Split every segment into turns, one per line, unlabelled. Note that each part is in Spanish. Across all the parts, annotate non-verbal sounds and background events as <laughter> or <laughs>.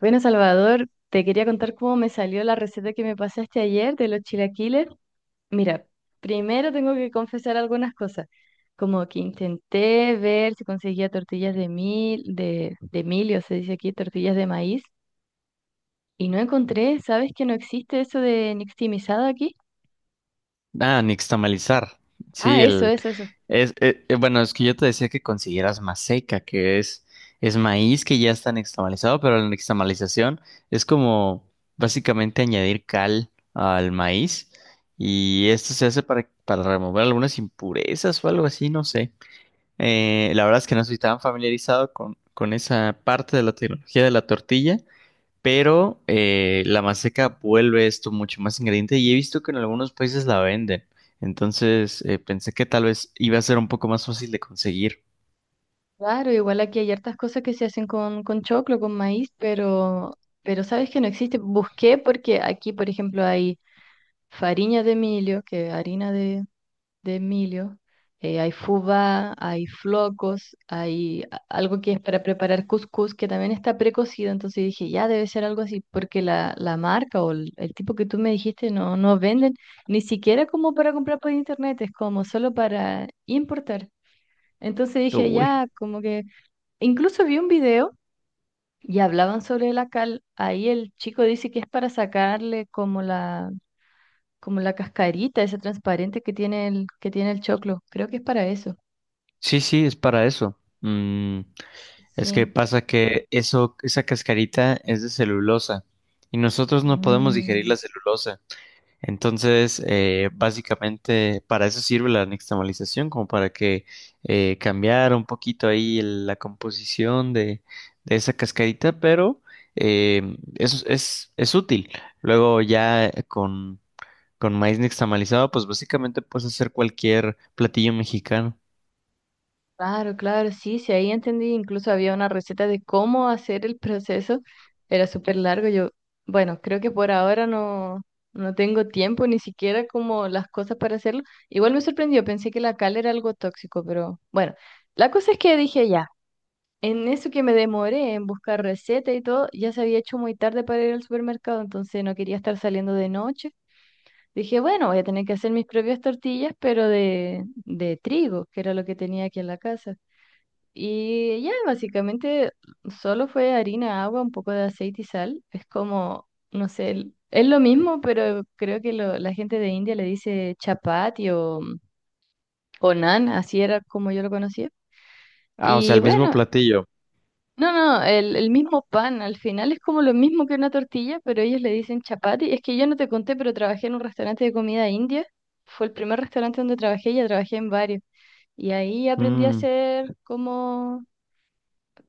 Bueno, Salvador, te quería contar cómo me salió la receta que me pasaste ayer de los chilaquiles. Mira, primero tengo que confesar algunas cosas, como que intenté ver si conseguía tortillas de mil, de milio, se dice aquí, tortillas de maíz, y no encontré. ¿Sabes que no existe eso de nixtamalizado aquí?
Ah, nixtamalizar.
Ah,
Sí,
eso,
el
eso, eso.
es bueno, es que yo te decía que consiguieras maseca, que es maíz que ya está nixtamalizado, pero la nixtamalización es como básicamente añadir cal al maíz y esto se hace para remover algunas impurezas o algo así, no sé. La verdad es que no estoy tan familiarizado con esa parte de la tecnología de la tortilla, pero la maseca vuelve esto mucho más ingrediente y he visto que en algunos países la venden. Entonces pensé que tal vez iba a ser un poco más fácil de conseguir.
Claro, igual aquí hay hartas cosas que se hacen con choclo, con maíz, pero sabes que no existe. Busqué porque aquí, por ejemplo, hay fariña de milio, que es harina de milho, hay fubá, hay flocos, hay algo que es para preparar cuscús que también está precocido. Entonces dije, ya debe ser algo así, porque la marca o el tipo que tú me dijiste no, no venden ni siquiera como para comprar por internet, es como solo para importar. Entonces
Pero,
dije,
uy,
ya, como que incluso vi un video y hablaban sobre la cal. Ahí el chico dice que es para sacarle como la cascarita, ese transparente que tiene el choclo. Creo que es para eso.
sí, sí, es para eso. Mm, es que
Sí.
pasa que eso, esa cascarita es de celulosa y nosotros no podemos digerir
Mm,
la celulosa. Entonces, básicamente para eso sirve la nixtamalización, como para que cambiara un poquito ahí la composición de esa cascarita, pero es útil. Luego ya con maíz nixtamalizado, pues básicamente puedes hacer cualquier platillo mexicano.
claro, claro, sí, sí, ahí entendí. Incluso había una receta de cómo hacer el proceso. Era súper largo. Yo, bueno, creo que por ahora no, no tengo tiempo ni siquiera como las cosas para hacerlo. Igual me sorprendió, pensé que la cal era algo tóxico, pero bueno, la cosa es que dije ya, en eso que me demoré en buscar receta y todo, ya se había hecho muy tarde para ir al supermercado, entonces no quería estar saliendo de noche. Dije, bueno, voy a tener que hacer mis propias tortillas, pero de trigo, que era lo que tenía aquí en la casa. Y ya, básicamente solo fue harina, agua, un poco de aceite y sal. Es como, no sé, es lo mismo, pero creo que la gente de India le dice chapati o naan, así era como yo lo conocía.
Ah, o sea,
Y
el mismo
bueno,
platillo.
no, no, el mismo pan al final es como lo mismo que una tortilla, pero ellos le dicen chapati. Es que yo no te conté, pero trabajé en un restaurante de comida india. Fue el primer restaurante donde trabajé, ya trabajé en varios. Y ahí aprendí a
Mm.
hacer como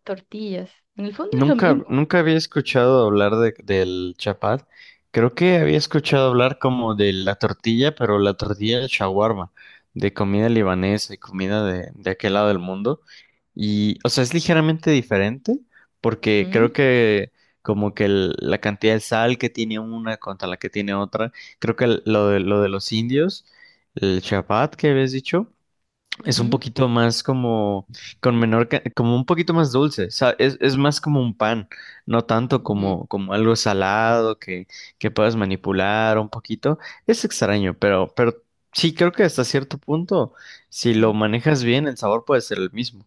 tortillas. En el fondo es lo
Nunca,
mismo.
nunca había escuchado hablar del chapat. Creo que había escuchado hablar como de la tortilla, pero la tortilla de shawarma, de comida libanesa y comida de aquel lado del mundo. Y, o sea, es ligeramente diferente porque creo
Ujú,
que como que la cantidad de sal que tiene una contra la que tiene otra, creo que lo de los indios, el chapat que habías dicho. Es un
ujú,
poquito más como, con menor, como un poquito más dulce, es más como un pan, no tanto
ujú,
como, como algo salado que puedas manipular un poquito. Es extraño, pero sí creo que hasta cierto punto, si lo
ujú.
manejas bien, el sabor puede ser el mismo.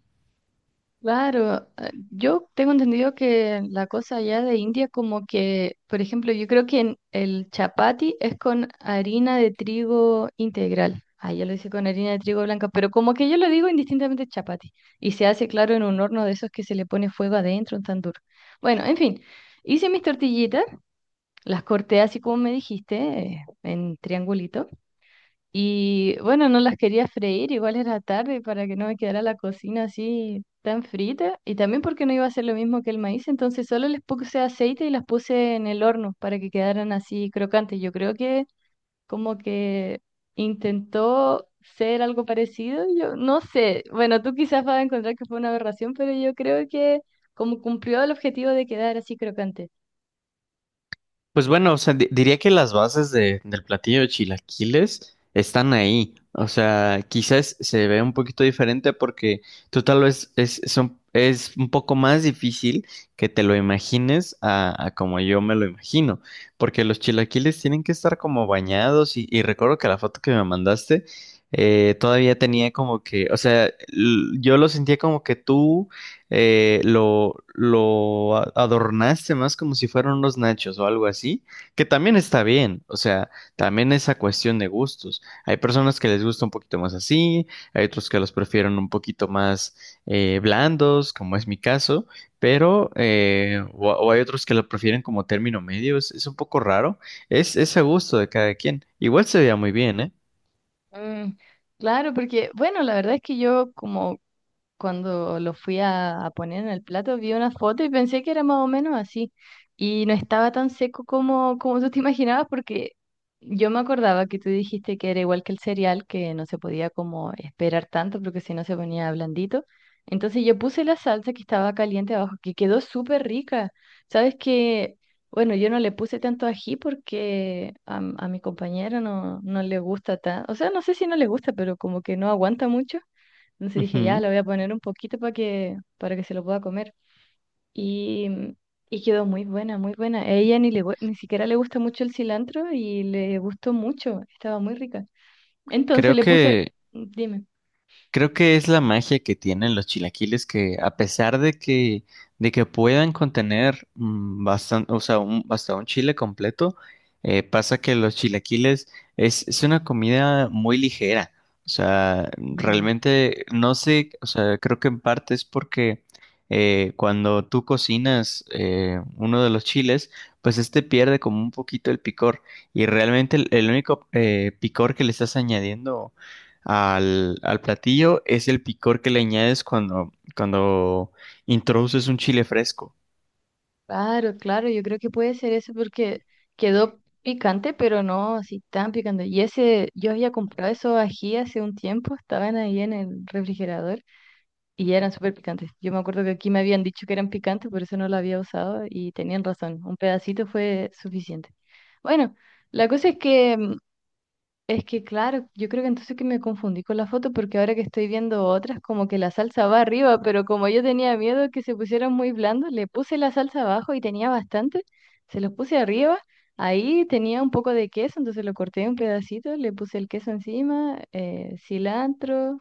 Claro, yo tengo entendido que la cosa allá de India como que, por ejemplo, yo creo que en el chapati es con harina de trigo integral. Ah, ya lo hice con harina de trigo blanca, pero como que yo lo digo indistintamente chapati. Y se hace, claro, en un horno de esos que se le pone fuego adentro, un tan duro. Bueno, en fin, hice mis tortillitas, las corté así como me dijiste, en triangulito. Y bueno, no las quería freír, igual era tarde para que no me quedara la cocina así tan frita. Y también porque no iba a ser lo mismo que el maíz, entonces solo les puse aceite y las puse en el horno para que quedaran así crocantes. Yo creo que como que intentó ser algo parecido, yo no sé. Bueno, tú quizás vas a encontrar que fue una aberración, pero yo creo que como cumplió el objetivo de quedar así crocante.
Pues bueno, o sea, diría que las bases del platillo de chilaquiles están ahí. O sea, quizás se ve un poquito diferente porque tú tal vez es un poco más difícil que te lo imagines a como yo me lo imagino. Porque los chilaquiles tienen que estar como bañados y recuerdo que la foto que me mandaste todavía tenía como que, o sea, yo lo sentía como que tú adornaste más como si fueran unos nachos o algo así, que también está bien, o sea, también esa cuestión de gustos. Hay personas que les gusta un poquito más así, hay otros que los prefieren un poquito más blandos, como es mi caso, pero, o hay otros que lo prefieren como término medio, es un poco raro, es a gusto de cada quien. Igual se veía muy bien, ¿eh?
Mm, claro, porque bueno, la verdad es que yo como cuando lo fui a poner en el plato, vi una foto y pensé que era más o menos así. Y no estaba tan seco como, como tú te imaginabas, porque yo me acordaba que tú dijiste que era igual que el cereal, que no se podía como esperar tanto, porque si no se ponía blandito. Entonces yo puse la salsa que estaba caliente abajo, que quedó súper rica. Sabes que, bueno, yo no le puse tanto ají porque a mi compañero no, no le gusta tan, o sea, no sé si no le gusta, pero como que no aguanta mucho. Entonces dije, ya,
Ujú.
la voy a poner un poquito para que se lo pueda comer. Y, mm, y quedó muy buena, muy buena. A ella ni, le, ni siquiera le gusta mucho el cilantro y le gustó mucho, estaba muy rica. Entonces
Creo
le puse,
que...
dime.
Creo que es la magia que tienen los chilaquiles que a pesar de que puedan contener bastante, o sea, un, hasta un chile completo, pasa que los chilaquiles es una comida muy ligera. O sea,
Mm,
realmente no sé, o sea, creo que en parte es porque cuando tú cocinas uno de los chiles, pues este pierde como un poquito el picor y realmente el único picor que le estás añadiendo al platillo es el picor que le añades cuando introduces un chile fresco.
claro, claro, yo creo que puede ser eso porque quedó picante, pero no así tan picante. Y ese, yo había comprado esos ají hace un tiempo, estaban ahí en el refrigerador. Y eran súper picantes. Yo me acuerdo que aquí me habían dicho que eran picantes, por eso no lo había usado y tenían razón. Un pedacito fue suficiente. Bueno, la cosa es que, mm, es que claro, yo creo que entonces que me confundí con la foto porque ahora que estoy viendo otras, como que la salsa va arriba, pero como yo tenía miedo que se pusieran muy blandos, le puse la salsa abajo y tenía bastante, se los puse arriba. Ahí tenía un poco de queso, entonces lo corté en un pedacito, le puse el queso encima, cilantro,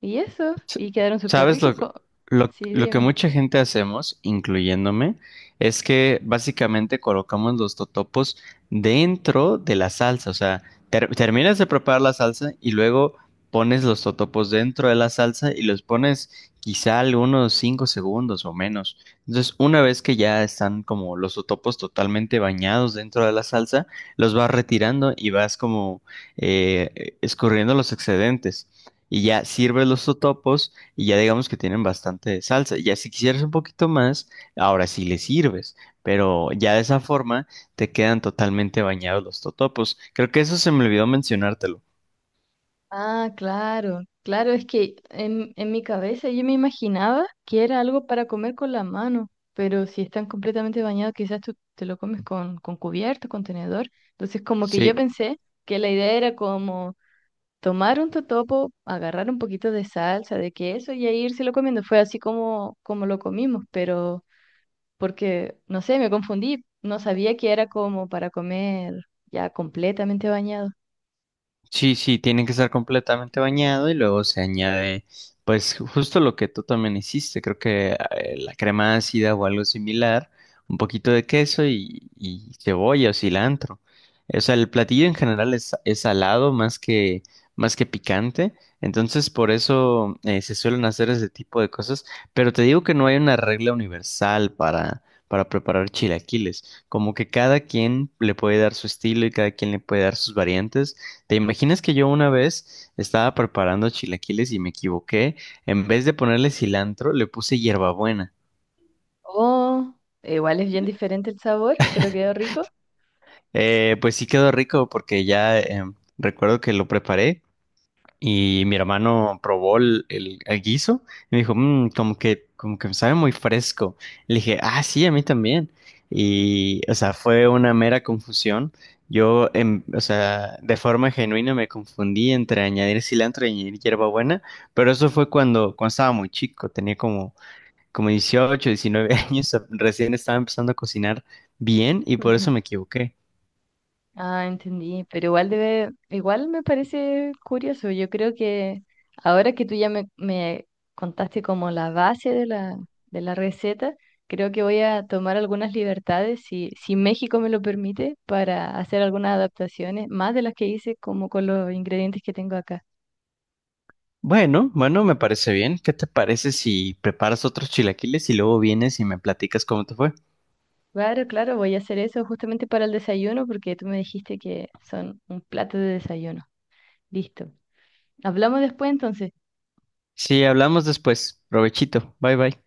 y eso,
S-
y quedaron súper
¿Sabes
ricos. Co- Sí,
lo que
dime.
mucha gente hacemos, incluyéndome, es que básicamente colocamos los totopos dentro de la salsa? O sea, terminas de preparar la salsa y luego pones los totopos dentro de la salsa y los pones quizá algunos 5 segundos o menos. Entonces, una vez que ya están como los totopos totalmente bañados dentro de la salsa, los vas retirando y vas como escurriendo los excedentes y ya sirves los totopos y ya digamos que tienen bastante salsa. Ya si quisieras un poquito más, ahora sí le sirves, pero ya de esa forma te quedan totalmente bañados los totopos. Creo que eso se me olvidó mencionártelo.
Ah, claro, claro, es que en mi cabeza yo me imaginaba que era algo para comer con la mano, pero si están completamente bañados, quizás tú te lo comes con cubierto, con tenedor. Entonces, como que yo
Sí.
pensé que la idea era como tomar un totopo, agarrar un poquito de salsa, de queso y ahí írselo comiendo. Fue así como, como lo comimos, pero porque, no sé, me confundí, no sabía que era como para comer ya completamente bañado.
Sí, sí, tiene que estar completamente bañado y luego se añade, pues justo lo que tú también hiciste, creo que la crema ácida o algo similar, un poquito de queso y cebolla o cilantro. O sea, el platillo en general es salado más que picante, entonces por eso se suelen hacer ese tipo de cosas, pero te digo que no hay una regla universal para preparar chilaquiles, como que cada quien le puede dar su estilo y cada quien le puede dar sus variantes. ¿Te imaginas que yo una vez estaba preparando chilaquiles y me equivoqué? En vez de ponerle cilantro, le puse hierbabuena.
Oh, igual es bien diferente el sabor, pero quedó rico.
Pues sí quedó rico porque ya recuerdo que lo preparé y mi hermano probó el guiso y me dijo, "Mm, como que sabe muy fresco." Le dije, ah, sí, a mí también. Y, o sea, fue una mera confusión. O sea, de forma genuina me confundí entre añadir cilantro y añadir hierbabuena, pero eso fue cuando estaba muy chico, tenía como, como 18-19 <laughs> años, recién estaba empezando a cocinar bien y por eso
Ujú.
me equivoqué.
Ah, entendí, pero igual debe, igual me parece curioso. Yo creo que ahora que tú ya me contaste como la base de la receta, creo que voy a tomar algunas libertades, si, si México me lo permite, para hacer algunas adaptaciones, más de las que hice como con los ingredientes que tengo acá.
Bueno, bueno, me parece bien. ¿Qué te parece si preparas otros chilaquiles y luego vienes y me platicas cómo te fue?
Claro, claro, voy a hacer eso justamente para el desayuno porque tú me dijiste que son un plato de desayuno. Listo. Hablamos después entonces.
Sí, hablamos después. Provechito. Bye bye.